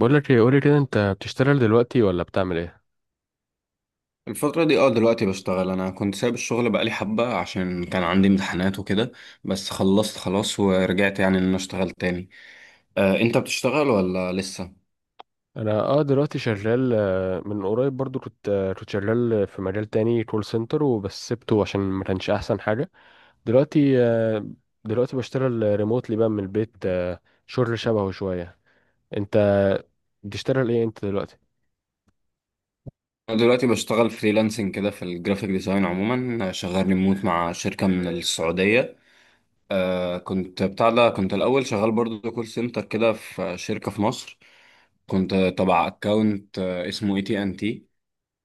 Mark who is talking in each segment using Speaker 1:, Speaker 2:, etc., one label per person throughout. Speaker 1: بقول لك ايه؟ قولي كده، انت بتشتغل دلوقتي ولا بتعمل ايه؟
Speaker 2: الفترة دي دلوقتي بشتغل. انا كنت سايب الشغل بقالي حبة عشان كان عندي امتحانات وكده. بس خلصت خلاص ورجعت يعني ان انا اشتغل تاني. آه انت بتشتغل ولا لسه؟
Speaker 1: انا اه دلوقتي شغال. من قريب برضو كنت شغال في مجال تاني، كول سنتر، وبس سبته عشان ما كانش احسن حاجه. دلوقتي آه، دلوقتي بشتغل ريموتلي بقى من البيت. شغل شبهه شويه. انت بتشتغل ايه انت دلوقتي؟
Speaker 2: انا دلوقتي بشتغل فريلانسنج كده في الجرافيك ديزاين عموما، آه، شغال ريموت مع شركة من السعودية. آه كنت بتاع ده، كنت الاول شغال برضه كول سنتر كده في شركة في مصر. كنت تبع اكونت اسمه اي تي ان تي.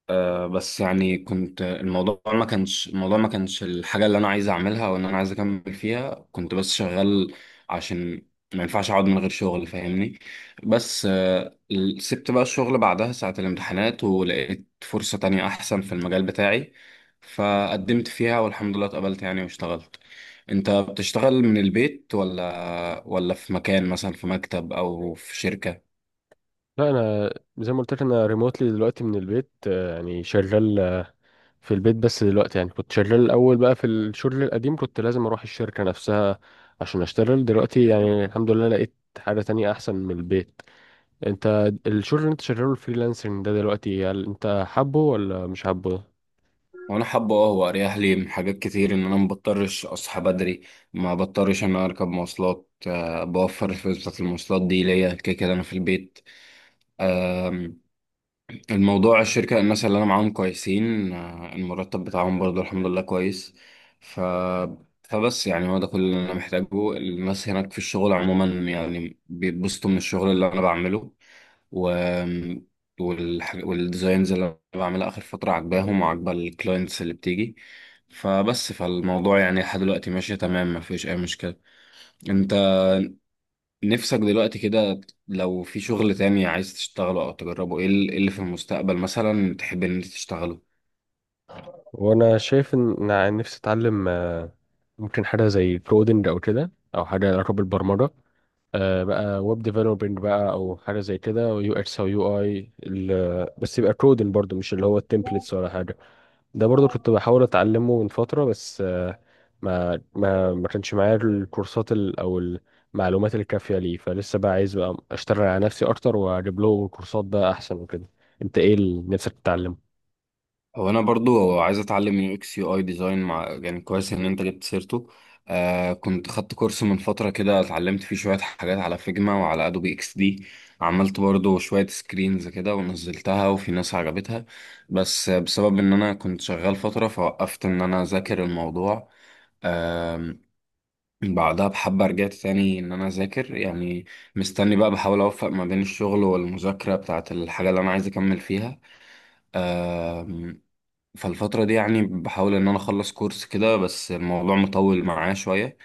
Speaker 2: بس يعني كنت الموضوع ما كانش الحاجة اللي أنا عايز أعملها وإن أنا عايز أكمل فيها، كنت بس شغال عشان ما ينفعش أقعد من غير شغل، فاهمني. بس سبت بقى الشغل بعدها ساعة الامتحانات ولقيت فرصة تانية أحسن في المجال بتاعي، فقدمت فيها والحمد لله اتقبلت يعني واشتغلت. أنت بتشتغل من البيت ولا في مكان مثلا في مكتب أو في شركة؟
Speaker 1: لا، انا زي ما قلت لك، انا ريموتلي دلوقتي من البيت، يعني شغال في البيت. بس دلوقتي يعني كنت شغال الأول بقى في الشغل القديم، كنت لازم أروح الشركة نفسها عشان أشتغل. دلوقتي يعني الحمد لله لقيت حاجة تانية أحسن من البيت. أنت الشغل اللي أنت شغاله، الفريلانسنج ده دلوقتي، هل أنت حابه ولا مش حابه؟
Speaker 2: وانا حابه اه، هو اريح لي من حاجات كتير، ان انا ما بضطرش اصحى بدري، ما بضطرش ان انا اركب مواصلات، آه، بوفر الفلوس بتاعت المواصلات دي ليا، كده كده انا في البيت. الموضوع الشركة الناس اللي أنا معاهم كويسين، آه، المرتب بتاعهم برضو الحمد لله كويس. ف... فبس يعني هو ده كل اللي أنا محتاجه. الناس هناك في الشغل عموما يعني بيتبسطوا من الشغل اللي أنا بعمله، و... والديزاينز اللي أنا بعملها آخر فترة عاجباهم وعاجبة الكلاينتس اللي بتيجي. فالموضوع يعني لحد دلوقتي ماشي تمام، مفيش أي مشكلة. أنت نفسك دلوقتي كده لو في شغل تاني عايز تشتغله او تجربه، إيه اللي في المستقبل مثلا تحب ان انت تشتغله؟
Speaker 1: وأنا شايف إن أنا نفسي أتعلم، ممكن حاجة زي كودنج أو كده، أو حاجة لها علاقة بالبرمجة. بقى ويب ديفلوبينج بقى، أو حاجة زي كده، ويو إكس أو يو آي. بس يبقى كودنج برضه، مش اللي هو التمبلتس ولا حاجة. ده برضو كنت بحاول اتعلمه من فترة، بس ما كانش معايا الكورسات او المعلومات الكافية ليه. فلسه بقى عايز بقى اشتغل على نفسي اكتر واجيب له كورسات بقى احسن وكده. انت ايه اللي نفسك تتعلمه؟
Speaker 2: هو انا برضو عايز اتعلم من يو اكس يو اي ديزاين، مع يعني كويس ان انت جبت سيرته. آه كنت خدت كورس من فترة كده، اتعلمت فيه شوية حاجات على فيجما وعلى ادوبي اكس دي. عملت برضو شوية سكرينز كده ونزلتها وفي ناس عجبتها. بس بسبب ان انا كنت شغال فترة، فوقفت ان انا اذاكر الموضوع. بعدها بحبة رجعت تاني إن أنا أذاكر يعني. مستني بقى، بحاول أوفق ما بين الشغل والمذاكرة بتاعة الحاجة اللي أنا عايز أكمل فيها. آم، فالفترة دي يعني بحاول إن أنا أخلص كورس كده، بس الموضوع مطول معايا شوية.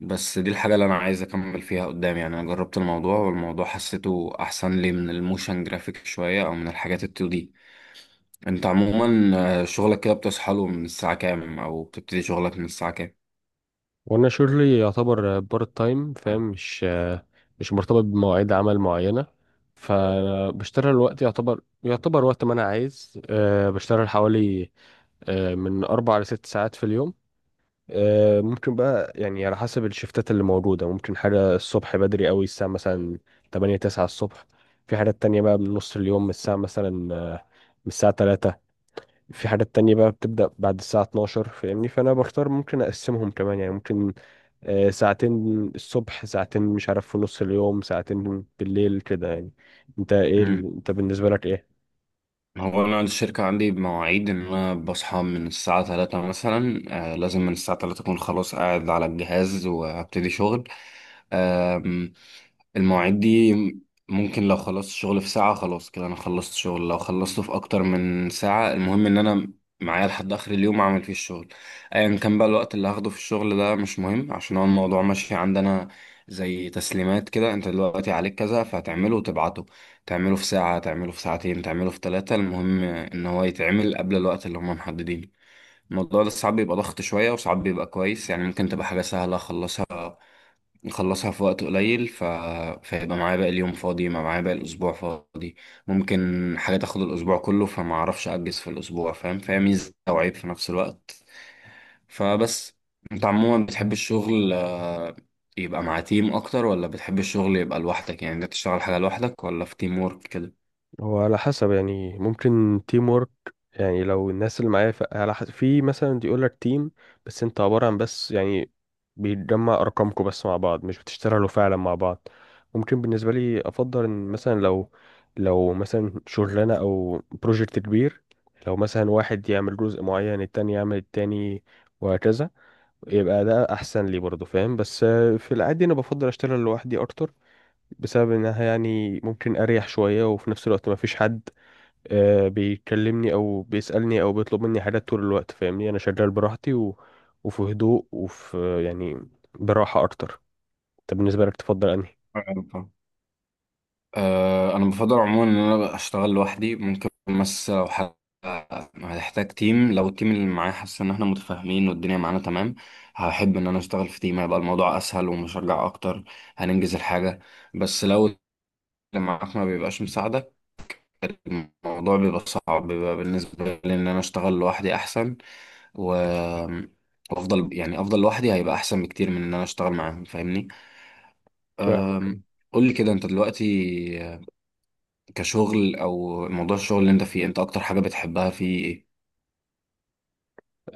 Speaker 2: بس دي الحاجة اللي أنا عايز أكمل فيها قدام. يعني أنا جربت الموضوع والموضوع حسيته أحسن لي من الموشن جرافيك شوية أو من الحاجات التو دي. أنت عموما آه، شغلك كده بتصحى له من الساعة كام أو بتبتدي شغلك من الساعة كام؟
Speaker 1: وانا شغلي يعتبر بارت تايم، فاهم، مش مش مرتبط بمواعيد عمل معينة. فبشتغل وقت، يعتبر وقت ما انا عايز. بشتغل حوالي، من اربع لست ساعات في اليوم. ممكن بقى يعني على حسب الشفتات اللي موجودة، ممكن حاجة الصبح بدري قوي، الساعة مثلا تمانية تسعة الصبح. في حاجات تانية بقى من نص اليوم، من الساعة مثلا، من الساعة تلاتة. في حاجات تانية بقى بتبدأ بعد الساعة اتناشر، فاهمني. فأنا بختار، ممكن أقسمهم كمان، يعني ممكن ساعتين الصبح، ساعتين مش عارف في نص اليوم، ساعتين بالليل كده يعني. أنت إيه أنت بالنسبة لك إيه؟
Speaker 2: هو أنا الشركة عندي بمواعيد، إن أنا بصحى من الساعة تلاتة مثلا. آه لازم من الساعة تلاتة أكون خلاص قاعد على الجهاز وأبتدي شغل. آم، المواعيد دي ممكن لو خلصت شغل في ساعة خلاص كده أنا خلصت شغل، لو خلصته في أكتر من ساعة المهم إن أنا معايا لحد آخر اليوم أعمل فيه الشغل. أيا كان بقى الوقت اللي هاخده في الشغل ده مش مهم، عشان هو الموضوع ماشي عندنا زي تسليمات كده. أنت دلوقتي عليك كذا فهتعمله وتبعته، تعمله في ساعة، تعمله في ساعتين، تعمله في ثلاثة، المهم إن هو يتعمل قبل الوقت اللي هما محددينه. الموضوع ده ساعات بيبقى ضغط شوية وساعات بيبقى كويس. يعني ممكن تبقى حاجة سهلة أخلصها، أخلصها في وقت قليل، فيبقى معايا باقي اليوم فاضي، يبقى معايا باقي الأسبوع فاضي. ممكن حاجة تاخد الأسبوع كله فما أعرفش أجز في الأسبوع، فاهم؟ فهي ميزة وعيب في نفس الوقت. فبس. أنت عموما بتحب الشغل آه، يبقى مع تيم أكتر ولا بتحب الشغل يبقى لوحدك؟ يعني أنت تشتغل حاجة لوحدك ولا في تيم وورك
Speaker 1: هو على حسب، يعني ممكن تيم وورك، يعني لو الناس اللي معايا على حسب. في مثلا يقول لك تيم، بس انت عبارة عن، بس يعني بيتجمع ارقامكم بس مع بعض، مش بتشتغلوا فعلا مع بعض. ممكن بالنسبة لي افضل ان مثلا لو مثلا شغلانة او بروجكت كبير، لو مثلا واحد يعمل جزء معين، التاني يعمل التاني، وهكذا، يبقى ده احسن لي برضه، فاهم. بس في العادي انا بفضل اشتغل لوحدي اكتر، بسبب انها يعني ممكن اريح شوية، وفي نفس الوقت ما فيش حد بيكلمني او بيسألني او بيطلب مني حاجات طول الوقت، فاهمني. انا شغال براحتي و... وفي هدوء، وفي يعني براحة اكتر. طب بالنسبة لك تفضل انهي؟
Speaker 2: كده؟ آه، انا بفضل عموما ان انا اشتغل لوحدي. ممكن بس لو حد، هتحتاج تيم. لو التيم اللي معايا حاسس ان احنا متفاهمين والدنيا معانا تمام، هحب ان انا اشتغل في تيم، هيبقى الموضوع اسهل ومشجع اكتر، هننجز الحاجة. بس لو اللي معاك ما بيبقاش مساعدك الموضوع بيبقى صعب، بيبقى بالنسبة لي ان انا اشتغل لوحدي احسن. و وافضل يعني افضل لوحدي هيبقى احسن بكتير من ان انا اشتغل معاهم، فاهمني.
Speaker 1: فاهمك،
Speaker 2: قول لي كده انت دلوقتي كشغل او موضوع الشغل اللي انت فيه، انت اكتر حاجه بتحبها فيه ايه؟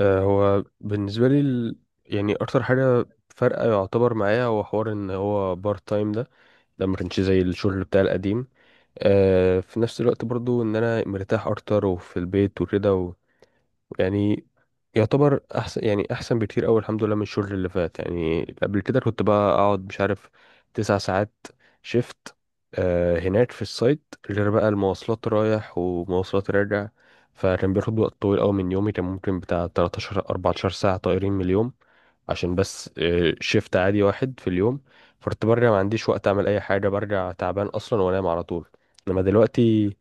Speaker 1: آه. هو بالنسبة لي يعني اكتر حاجة فارقة يعتبر معايا هو حوار ان هو بارت تايم ده. ما كانش زي الشغل بتاع القديم. في نفس الوقت برضو ان انا مرتاح اكتر وفي البيت وكده، يعني يعتبر احسن، يعني احسن بكتير قوي الحمد لله من الشغل اللي فات. يعني قبل كده كنت بقى اقعد، مش عارف، 9 ساعات شيفت هناك في السايت، غير بقى المواصلات رايح ومواصلات راجع. فكان بياخد وقت طويل قوي من يومي، كان ممكن بتاع 13 14 ساعة طايرين من اليوم، عشان بس شيفت عادي واحد في اليوم. فكنت برجع ما عنديش وقت اعمل اي حاجة، برجع تعبان اصلا وانام على طول. انما دلوقتي،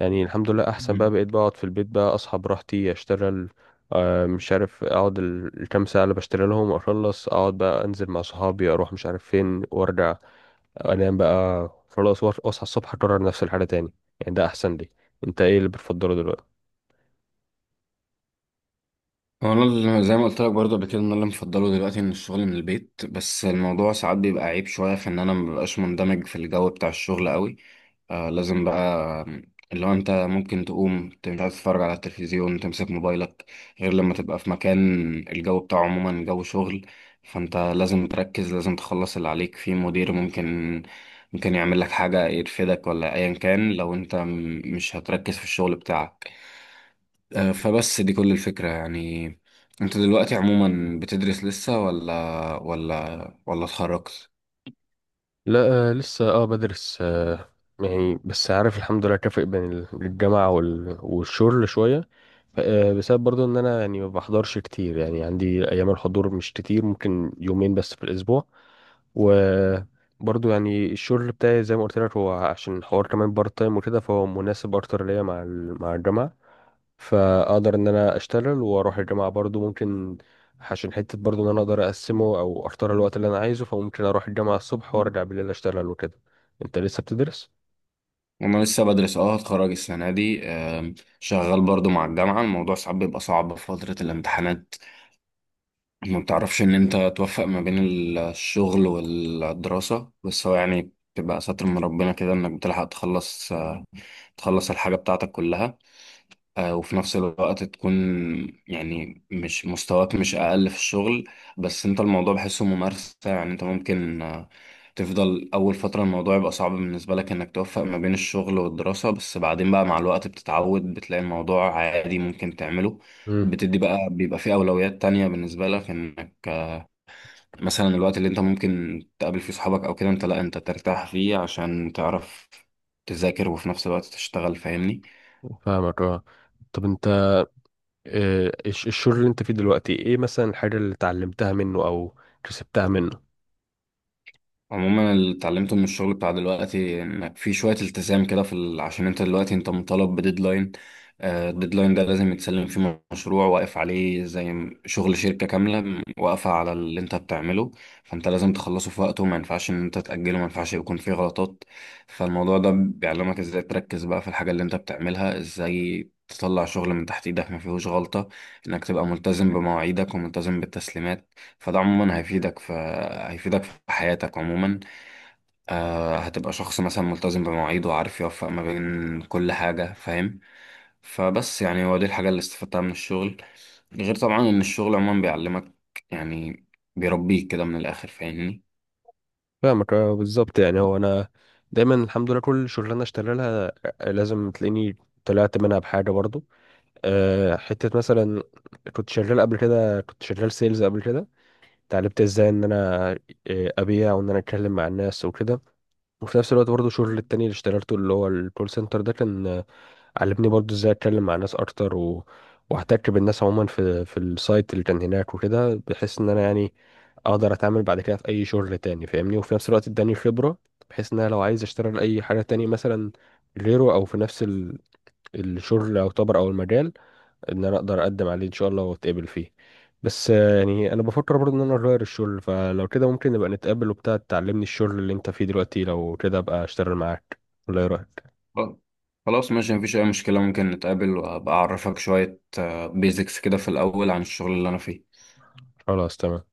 Speaker 1: يعني الحمد لله احسن بقى،
Speaker 2: مم.
Speaker 1: بقيت بقعد في البيت بقى، اصحى براحتي، اشتغل. مش عارف اقعد الكام ساعه اللي بشتغل لهم، اخلص، اقعد بقى، انزل مع صحابي، اروح مش عارف فين، وارجع انام بقى خلاص، واصحى الصبح اكرر نفس الحاجه تاني. يعني ده احسن لي. انت ايه اللي بتفضله دلوقتي؟
Speaker 2: انا زي ما قلت لك برضه قبل كده، ان انا اللي مفضله دلوقتي ان الشغل من البيت. بس الموضوع ساعات بيبقى عيب شويه في ان انا مببقاش مندمج في الجو بتاع الشغل قوي. آه لازم بقى، اللي هو انت ممكن تقوم، انت مش عايز تتفرج على التلفزيون، تمسك موبايلك، غير لما تبقى في مكان الجو بتاعه عموما جو شغل، فانت لازم تركز، لازم تخلص اللي عليك، في مدير ممكن يعمل لك حاجة يرفدك ولا ايا كان لو انت مش هتركز في الشغل بتاعك. آه فبس دي كل الفكرة يعني. انت دلوقتي عموما بتدرس لسه ولا اتخرجت؟
Speaker 1: لا، لسه بدرس. يعني بس عارف الحمد لله، كافئ بين الجامعة والشغل شوية. بسبب برضو ان انا يعني ما بحضرش كتير، يعني عندي ايام الحضور مش كتير، ممكن يومين بس في الاسبوع. وبرضو يعني الشغل بتاعي زي ما قلت لك، هو عشان حوار كمان بارت تايم وكده، فهو مناسب اكتر ليا مع مع الجامعه. فاقدر ان انا اشتغل واروح الجامعه برضو. ممكن عشان حته برضو ان انا اقدر اقسمه او اختار الوقت اللي انا عايزه، فممكن اروح الجامعه الصبح وارجع بالليل اشتغل وكده. انت لسه بتدرس؟
Speaker 2: انا لسه بدرس اه، هتخرج السنه دي. شغال برضو مع الجامعه. الموضوع ساعات بيبقى صعب في فتره الامتحانات، ما بتعرفش ان انت توفق ما بين الشغل والدراسه. بس هو يعني بتبقى ستر من ربنا كده انك بتلحق تخلص، تخلص الحاجه بتاعتك كلها، آه، وفي نفس الوقت تكون يعني مش، مستواك مش أقل في الشغل. بس أنت الموضوع بحسه ممارسة. يعني أنت ممكن آه، تفضل أول فترة الموضوع يبقى صعب بالنسبة لك إنك توفق ما بين الشغل والدراسة، بس بعدين بقى مع الوقت بتتعود، بتلاقي الموضوع عادي ممكن تعمله.
Speaker 1: امم.
Speaker 2: بتدي بقى، بيبقى فيه أولويات تانية بالنسبة لك، إنك آه، مثلا الوقت اللي أنت ممكن تقابل فيه صحابك أو كده أنت لأ، أنت ترتاح فيه عشان تعرف تذاكر وفي نفس الوقت تشتغل، فاهمني.
Speaker 1: فاهمك، اه. طب انت، الشغل اللي انت فيه دلوقتي، ايه مثلا الحاجه اللي اتعلمتها منه او كسبتها منه؟
Speaker 2: عموما اللي اتعلمته من الشغل بتاع دلوقتي انك في شوية التزام كده، عشان انت دلوقتي انت مطالب بديدلاين. آه، الديدلاين ده لازم يتسلم فيه مشروع واقف عليه زي شغل شركة كاملة واقفة على اللي انت بتعمله. فانت لازم تخلصه في وقته، ما ينفعش ان انت تأجله، ما ينفعش يكون فيه غلطات. فالموضوع ده بيعلمك ازاي تركز بقى في الحاجة اللي انت بتعملها، ازاي تطلع شغل من تحت ايدك ما فيهوش غلطة، انك تبقى ملتزم بمواعيدك وملتزم بالتسليمات. فده عموما هيفيدك في حياتك عموما. آه هتبقى شخص مثلا ملتزم بمواعيده وعارف يوفق ما بين كل حاجة، فاهم؟ فبس يعني هو دي الحاجة اللي استفدتها من الشغل. غير طبعا إن الشغل عموما بيعلمك يعني، بيربيك كده من الآخر، فاهمني.
Speaker 1: فاهمك، اه، بالظبط. يعني هو انا دايما الحمد لله كل شغلانه اشتغل لها لازم تلاقيني طلعت منها بحاجه برضو. أه، حته مثلا كنت شغال قبل كده، كنت شغال سيلز قبل كده. اتعلمت ازاي ان انا ابيع، وان انا اتكلم مع الناس وكده. وفي نفس الوقت برضو الشغل التاني اللي اشتغلته، اللي هو الكول سنتر ده، كان علمني برضو ازاي اتكلم مع ناس اكتر، واحتك بالناس عموما في السايت اللي كان هناك وكده، بحيث ان انا يعني اقدر اتعامل بعد كده في اي شغل تاني، فاهمني. وفي نفس الوقت اداني خبرة، بحيث ان انا لو عايز اشتغل اي حاجة تاني مثلا غيره، او في نفس الشغل او طبر او المجال، ان انا اقدر اقدم عليه ان شاء الله واتقبل فيه. بس يعني انا بفكر برضه ان انا اغير الشغل، فلو كده ممكن نبقى نتقابل وبتاع تعلمني الشغل اللي انت فيه دلوقتي، لو كده ابقى اشتغل معاك، ولا ايه رايك؟
Speaker 2: خلاص خلاص، ماشي مفيش أي مشكلة. ممكن نتقابل وأبقى أعرفك شوية بيزكس كده في الأول عن الشغل اللي أنا فيه.
Speaker 1: خلاص تمام.